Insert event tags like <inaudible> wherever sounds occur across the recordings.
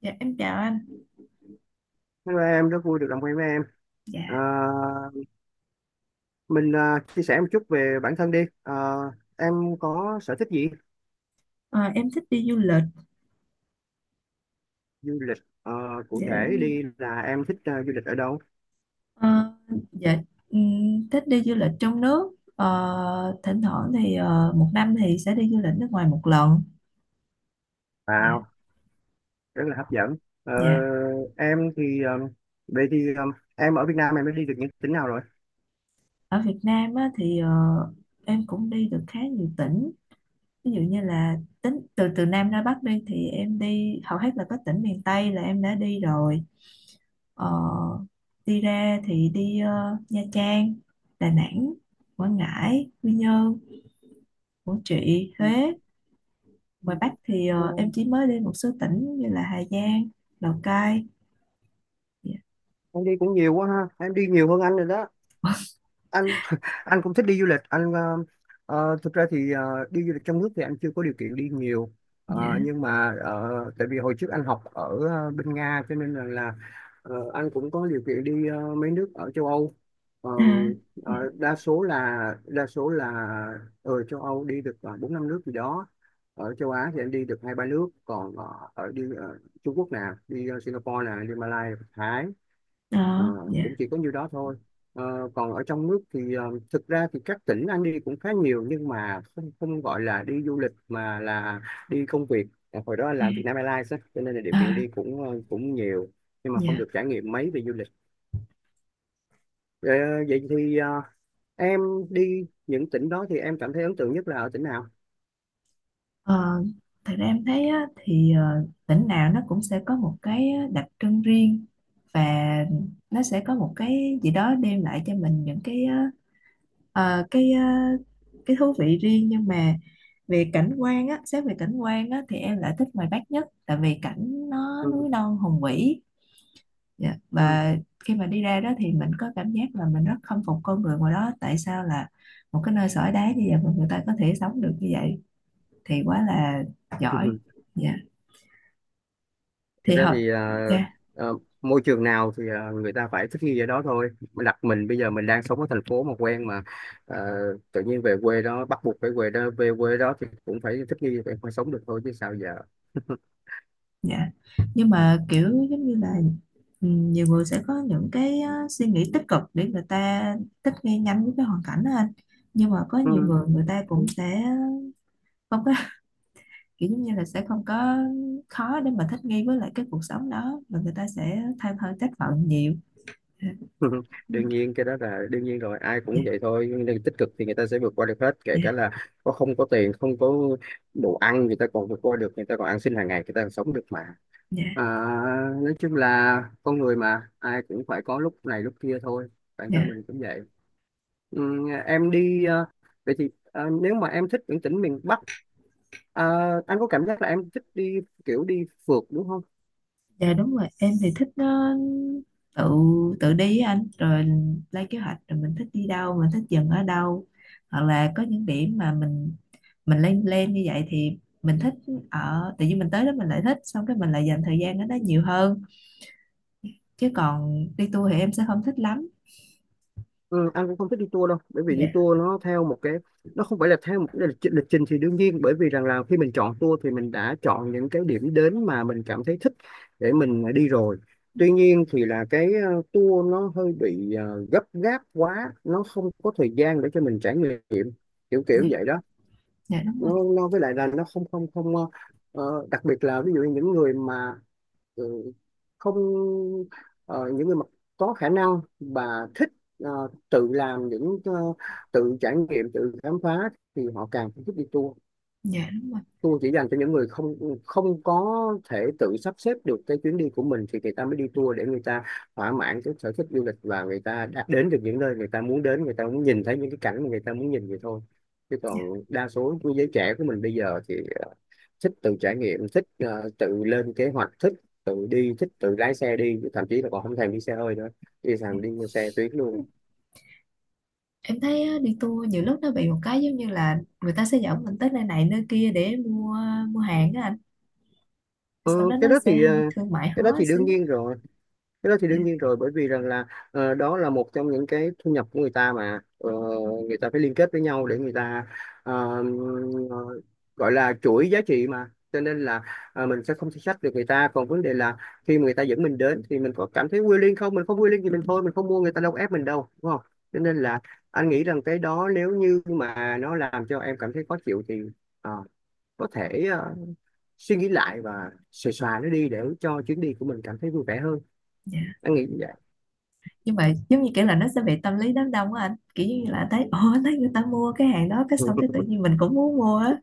Dạ em chào anh. Hello em, rất vui được làm quen với em. À, Dạ, mình chia sẻ một chút về bản thân đi. Em có sở thích gì? ờ, em thích đi du lịch. Du lịch. À, Cụ Dạ, thể đi là em thích du lịch ở đâu? ờ, dạ, thích đi du lịch trong nước. Ờ, Thỉnh thoảng thì một năm thì sẽ đi du lịch nước ngoài một lần. Dạ, Wow, rất là hấp dẫn. Ờ, dạ. em thì vậy thì em ở Việt Nam em đã đi được những tỉnh nào rồi? Ở Việt Nam á, thì em cũng đi được khá nhiều tỉnh. Ví dụ như là tính từ từ Nam ra Bắc đi thì em đi hầu hết là các tỉnh miền Tây là em đã đi rồi. Ờ, Đi ra thì đi Nha Trang, Đà Nẵng, Quảng Ngãi, Quy Nhơn. Của chị Ừ, Huế, ngoài Bắc thì em ừ, chỉ mới đi một số tỉnh như là Hà Giang, Lào Cai. Dạ, Em đi cũng nhiều quá ha. Em đi nhiều hơn anh rồi đó. Anh <laughs> anh cũng thích đi du lịch anh ờ, Thực ra thì đi du lịch trong nước thì anh chưa có điều kiện đi nhiều. dạ, Nhưng mà tại vì hồi trước anh học ở bên Nga cho nên là anh cũng có điều kiện đi mấy nước ở châu Âu. à, Ờm, dạ, Đa số là đa số là ở châu Âu đi được 4 5 nước gì đó, ở châu Á thì anh đi được 2 3 nước, còn ở đi Trung Quốc nè, đi Singapore nè, đi Malaysia, Thái. Ờ, ờ, dạ, Cũng chỉ có nhiêu đó thôi. Còn ở trong nước thì thực ra thì các tỉnh anh đi cũng khá nhiều, nhưng mà không không gọi là đi du lịch mà là đi công việc. Ờ, Hồi đó anh làm Vietnam Airlines á, cho nên là điều kiện à, đi cũng cũng nhiều, nhưng mà không dạ, được trải nghiệm mấy về du lịch. Ờ, Vậy thì em đi những tỉnh đó thì em cảm thấy ấn tượng nhất là ở tỉnh nào? ờ. Thật ra em thấy á, thì tỉnh nào nó cũng sẽ có một cái đặc trưng riêng, và nó sẽ có một cái gì đó đem lại cho mình những cái ờ, ờ, cái thú vị riêng, nhưng mà về cảnh quan á xét về cảnh quan á thì em lại thích ngoài Bắc nhất, tại vì cảnh nó ừ, núi non hùng vĩ. Dạ. ừ. Và khi mà đi ra đó thì mình có cảm giác là mình rất khâm phục con người ngoài đó, tại sao là một cái nơi sỏi đá như vậy mà người ta có thể sống được như vậy thì quá là giỏi. <laughs> Dạ, thì Thực ra họ. thì Dạ, à, môi trường nào thì người ta phải thích nghi ở đó thôi. Đặt mình bây giờ mình đang sống ở thành phố mà quen mà à, tự nhiên về quê đó, bắt buộc phải về đó, về quê đó thì cũng phải thích nghi, phải sống được thôi chứ sao giờ. <laughs> dạ. Nhưng mà kiểu giống như là, nhiều người sẽ có những cái suy nghĩ tích cực để người ta thích nghi nhanh với cái hoàn cảnh đó anh. Nhưng mà có ừ. nhiều người, người ta cũng sẽ không có <laughs> kiểu giống như là sẽ không có, khó để mà thích nghi với lại cái cuộc sống đó, và người ta sẽ than thở, trách phận nhiều. <laughs> Dạ Đương nhiên cái đó là đương nhiên rồi, ai cũng vậy thôi, nhưng nếu tích cực thì người ta sẽ vượt qua được hết, kể dạ, cả là có không có tiền, không có đồ ăn người ta còn vượt qua được, người ta còn ăn xin hàng ngày người ta còn sống được mà. dạ, À, nói chung là con người mà ai cũng phải có lúc này lúc kia thôi, bản thân dạ. mình cũng vậy. Em đi vậy thì nếu mà em thích những tỉnh miền Bắc ờ, anh có cảm giác là em thích đi kiểu đi phượt đúng không? Dạ, đúng rồi, em thì thích tự tự đi á anh, rồi lên kế hoạch, rồi mình thích đi đâu, mình thích dừng ở đâu, hoặc là có những điểm mà mình lên lên như vậy thì mình thích. Ở tự nhiên mình tới đó, mình lại thích, xong cái mình lại dành thời gian ở đó nhiều hơn. Chứ còn đi tour thì em sẽ không thích lắm. Ừ, anh cũng không thích đi tour đâu, bởi vì đi Dạ, tour nó theo một cái, nó không phải là theo một cái lịch trình thì đương nhiên, bởi vì rằng là khi mình chọn tour thì mình đã chọn những cái điểm đến mà mình cảm thấy thích để mình đi rồi. Tuy nhiên thì là cái tour nó hơi bị gấp gáp quá, nó không có thời gian để cho mình trải nghiệm, kiểu kiểu như dạ, vậy đó. dạ, đúng rồi. Nó với lại là nó không không không ờ, ờ, đặc biệt là ví dụ như những người mà ừ, không ờ, những người mà có khả năng và thích ờ, tự làm những tự trải nghiệm, tự khám phá thì họ càng thích đi tour. Dạ, đúng rồi. Tour chỉ dành cho những người không không có thể tự sắp xếp được cái chuyến đi của mình thì người ta mới đi tour, để người ta thỏa mãn cái sở thích du lịch và người ta đã đến được những nơi người ta muốn đến, người ta muốn nhìn thấy những cái cảnh mà người ta muốn nhìn vậy thôi. Chứ Dạ, còn đa số của giới trẻ của mình bây giờ thì ờ, thích tự trải nghiệm, thích tự lên kế hoạch, thích tự đi, thích tự lái xe đi, thậm chí là còn không thèm đi xe hơi nữa, đi dạ. thèm đi xe tuyến luôn. Em thấy á, đi tour nhiều lúc nó bị một cái giống như là người ta sẽ dẫn mình tới nơi này nơi kia để mua mua hàng á anh, sau Ừ, đó cái nó đó sẽ thì hơi thương mại cái đó hóa thì đương xíu. nhiên rồi. Cái đó thì Dạ, đương nhiên rồi, bởi vì rằng là đó là một trong những cái thu nhập của người ta mà. Ờ, Người ta phải liên kết với nhau để người ta ờ, ờ, gọi là chuỗi giá trị mà, cho nên là mình sẽ không thể sách được người ta, còn vấn đề là khi mà người ta dẫn mình đến thì mình có cảm thấy quyến liên không, mình không quyến liên thì mình thôi, mình không mua, người ta đâu có ép mình đâu đúng không. Cho nên là anh nghĩ rằng cái đó nếu như mà nó làm cho em cảm thấy khó chịu thì ờ, có thể suy nghĩ lại và xòe xòa nó đi để cho chuyến đi của mình cảm thấy vui vẻ hơn, dạ. anh nghĩ như vậy. Nhưng mà giống như kiểu là nó sẽ bị tâm lý đám đông á anh, kiểu như là thấy ồ, thấy người ta mua cái hàng đó, cái Ừ. xong cái tự nhiên mình cũng muốn mua á.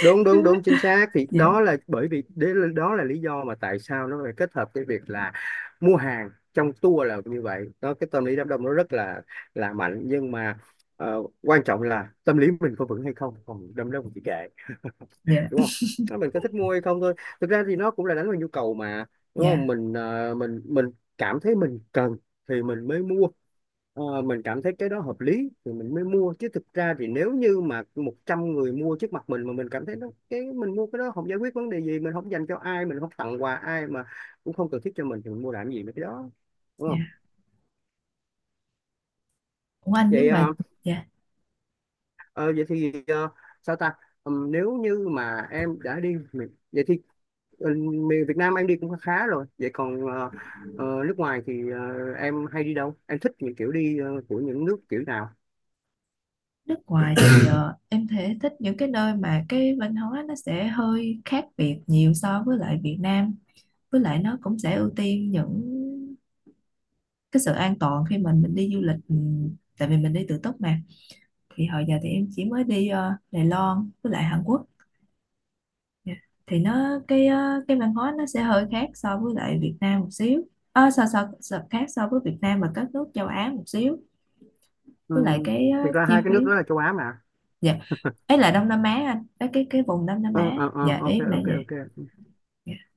đúng đúng đúng <laughs> chính xác, thì Dạ, đó là bởi vì đó là lý do mà tại sao nó phải kết hợp cái việc là mua hàng trong tour là như vậy đó. Cái tâm lý đám đông nó rất là mạnh, nhưng mà quan trọng là tâm lý mình có vững hay không, còn đám đông thì kệ. <laughs> dạ, Đúng không? Nó mình có thích mua hay không thôi. Thực ra thì nó cũng là đánh vào nhu cầu mà, đúng không? dạ, Mình mình cảm thấy mình cần thì mình mới mua. Ờ, mình cảm thấy cái đó hợp lý thì mình mới mua, chứ thực ra thì nếu như mà 100 người mua trước mặt mình mà mình cảm thấy nó, cái mình mua cái đó không giải quyết vấn đề gì, mình không dành cho ai, mình không tặng quà ai mà cũng không cần thiết cho mình thì mình mua làm gì mấy cái đó, đúng không? dạ. Ủa anh, vậy nhưng mà. ờ, Dạ. ờ, Vậy thì sao ta? Nếu như mà vậy thì ờ, miền Việt Nam em đi cũng khá rồi, vậy còn nước ngoài thì em hay đi đâu, em thích những kiểu đi của những nước kiểu nào? Nước ngoài thì em thể thích những cái nơi mà cái văn hóa nó sẽ hơi khác biệt nhiều so với lại Việt Nam, với lại nó cũng sẽ ưu tiên những cái sự an toàn khi mà mình đi du lịch, tại vì mình đi tự túc mà. Thì hồi giờ thì em chỉ mới đi Đài Loan với lại Hàn Quốc. Dạ. Thì nó cái cái văn hóa nó sẽ hơi khác so với lại Việt Nam một xíu. So khác so với Việt Nam và các nước châu Á một xíu. Với lại Ừm, cái Thực ra hai chi cái phí. nước đó là châu Á mà. Dạ. Ấy là Đông Nam Á anh, cái vùng Đông Nam Ờ Á. ờ ờ, Dạ, ok em lại ok vậy. ok. Dạ.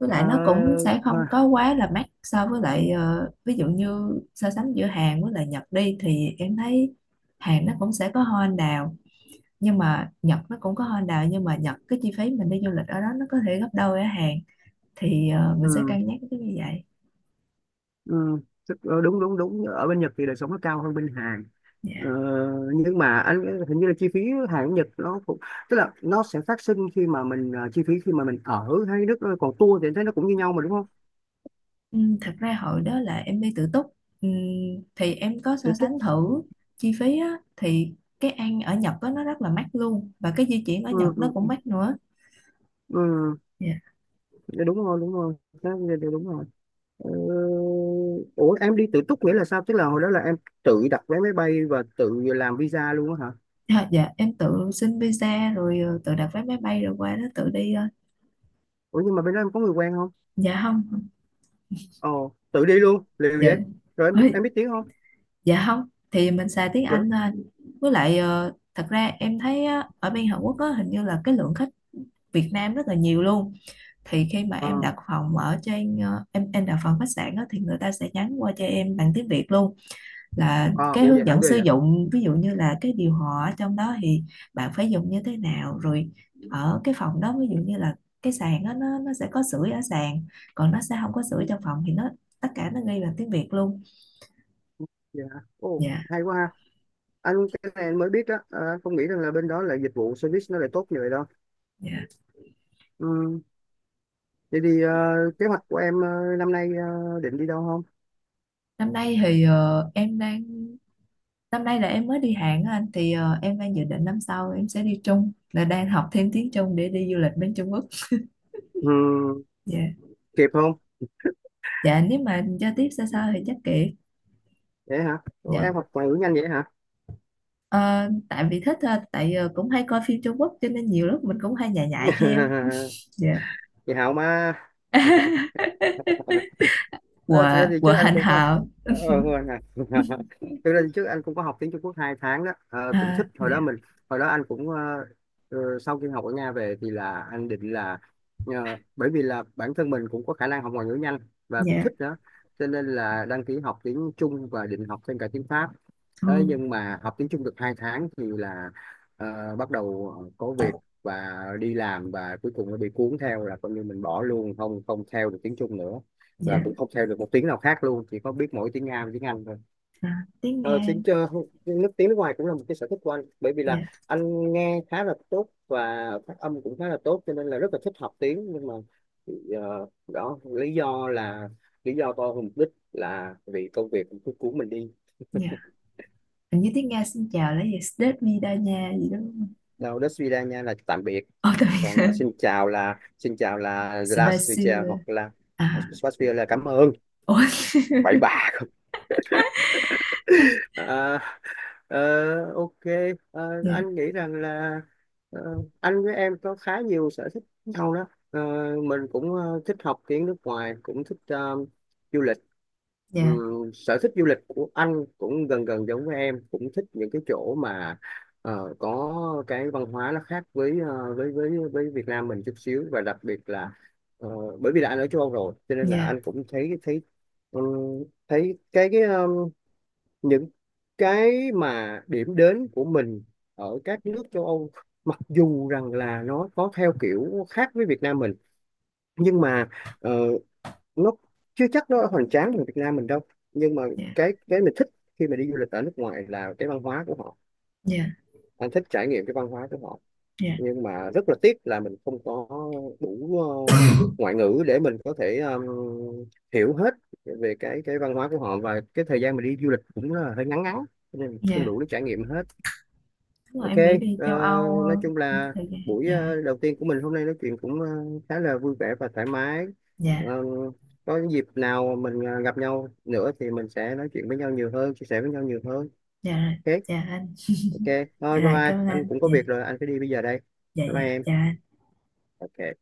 Với Ờ, lại nó cũng sẽ thôi. không có quá là mắc so với lại, ví dụ như so sánh giữa Hàn với lại Nhật đi thì em thấy Hàn nó cũng sẽ có hoa anh đào, nhưng mà Nhật nó cũng có Honda, nhưng mà Nhật cái chi phí mình đi du lịch ở đó nó có thể gấp đôi ở Hàn. Thì mình sẽ ừ, cân nhắc cái như vậy. ừ, Đúng đúng đúng, ở bên Nhật thì đời sống nó cao hơn bên Hàn. Ờ, Dạ. nhưng mà anh hình như là chi phí Hàn Nhật nó cũng, tức là nó sẽ phát sinh khi mà mình chi phí khi mà mình ở hay nước, còn tour thì anh thấy nó cũng như nhau mà đúng không? Ừ, Thật ra hồi đó là em đi tự túc, ừ, thì em có thì so tức sánh thử chi phí á, thì cái ăn ở Nhật á, nó rất là mắc luôn, và cái di chuyển ở ừ, Nhật nó cũng ừ, mắc nữa. ừ, Dạ. dạ đúng rồi đúng rồi. Đó, dạ, dạ, đúng rồi. Ờ, ủa em đi tự túc nghĩa là sao, tức là hồi đó là em tự đặt vé máy bay và tự làm visa luôn á hả? À, dạ em tự xin visa rồi tự đặt vé máy bay rồi qua đó tự đi ờ. Ủa nhưng mà bên đó em có người quen không? Dạ không. Ồ, tự đi Dạ. luôn, liều vậy. Dạ. Rồi Ôi. em biết tiếng không? Dạ không, thì mình xài tiếng Trời đất. Anh thôi. Với lại thật ra em thấy á, ở bên Hàn Quốc á, hình như là cái lượng khách Việt Nam rất là nhiều luôn. Thì khi mà Ờ, em đặt phòng ở trên em đặt phòng khách sạn á, thì người ta sẽ nhắn qua cho em bằng tiếng Việt luôn, là cái Ủa vậy hướng hả, dẫn ghê sử vậy. dụng, ví dụ như là cái điều hòa ở trong đó thì bạn phải dùng như thế nào, rồi ở cái phòng đó ví dụ như là cái sàn á, nó sẽ có sưởi ở sàn, còn nó sẽ không có Ừ, sưởi trong phòng, thì nó tất cả nó ghi bằng tiếng Việt luôn. vậy. Ồ, Dạ. hay quá ha. Anh, cái này anh mới biết đó, à, anh không nghĩ rằng là bên đó là dịch vụ service nó lại tốt như vậy đâu. Dạ. Ừ, vậy thì kế hoạch của em năm nay định đi đâu không? Năm nay thì em đang năm nay là em mới đi Hàn á anh, thì em đang dự định năm sau em sẽ đi Trung, là đang học thêm tiếng Trung để đi du lịch bên Trung Quốc. Ừ, Dạ. kịp không? Dạ, nếu mà giao tiếp xa xa thì chắc kệ. Vậy hả? Ủa, Dạ. em học ngoại ngữ nhanh vậy hả? Ờ, tại vì thích thôi, tại cũng hay coi phim Trung Quốc cho nên nhiều lúc mình cũng hay nhại nhại theo. <laughs> <laughs> Dạ. Chị Hảo mà. <laughs> Ờ, thực Của ra thì của trước anh hành cũng có hào. ờ, quên rồi. <laughs> Thực ra thì trước anh cũng có học tiếng Trung Quốc 2 tháng đó. Ờ, cũng thích. À, Hồi dạ. đó mình hồi đó anh cũng sau khi học ở Nga về thì là anh định là bởi vì là bản thân mình cũng có khả năng học ngoại ngữ nhanh và cũng Dạ. thích nữa, cho nên là đăng ký học tiếng Trung và định học thêm cả tiếng Pháp. Ờ, Ừ, nhưng mà học tiếng Trung được 2 tháng thì là bắt đầu có việc và đi làm, và cuối cùng nó bị cuốn theo, là coi như mình bỏ luôn, không không theo được tiếng Trung nữa và dạ. cũng không theo được một tiếng nào khác luôn, chỉ có biết mỗi tiếng Nga và tiếng Anh thôi. À, tiếng ờ, Nga. tiếng ờ, Tiếng nước ngoài cũng là một cái sở thích của anh, bởi vì là Dạ. anh nghe khá là tốt và phát âm cũng khá là tốt, cho nên là rất là thích học tiếng, nhưng mà đó lý do là lý do to hơn mục đích, là vì công việc cứ cuốn mình đi. Dạ. Hình như tiếng Nga xin chào là gì? Sdet vida nha gì đó, đúng không? Đâu đó suy ra nha là tạm biệt, Ồ, tại vì còn xin chào là Spicy, Zdravstvuyte, hoặc là à, Spasibo là cảm ơn. ôi. Bye bye. Ờ, ok. Ờ, Dạ, anh nghĩ rằng là anh với em có khá nhiều sở thích nhau đó. Ờ, mình cũng thích học tiếng nước ngoài, cũng thích du lịch. dạ, Sở thích du lịch của anh cũng gần gần giống với em, cũng thích những cái chỗ mà có cái văn hóa nó khác với với Việt Nam mình chút xíu, và đặc biệt là ờ, bởi vì là anh ở châu Âu rồi, cho nên là dạ, anh cũng thấy thấy thấy cái những cái mà điểm đến của mình ở các nước châu Âu, mặc dù rằng là nó có theo kiểu khác với Việt Nam mình, nhưng mà ờ, nó chưa chắc nó hoành tráng như Việt Nam mình đâu, nhưng mà dạ, cái mình thích khi mà đi du lịch ở nước ngoài là cái văn hóa của họ. dạ, Anh thích trải nghiệm cái văn hóa của họ, dạ. nhưng mà rất là tiếc là mình không có đủ ngoại ngữ để mình có thể hiểu hết về cái văn hóa của họ, và cái thời gian mình đi du lịch cũng là hơi ngắn ngắn, cho nên không Dạ đủ để trải nghiệm hết. đúng rồi, Ok. em nghĩ đi ờ, châu Âu nói chung cũng có là thời gian. buổi Dạ. Đầu tiên của mình hôm nay nói chuyện cũng khá là vui vẻ và thoải mái. Dạ, Ờ, có dịp nào mình gặp nhau nữa thì mình sẽ nói chuyện với nhau nhiều hơn, chia sẻ với nhau nhiều hơn. dạ rồi. Ok. Dạ anh. Ok, Dạ thôi bye rồi, bye, cảm ơn anh anh. cũng có Dạ, việc rồi, anh phải đi bây giờ đây. dạ. Bye Dạ, bye em. dạ. Ok.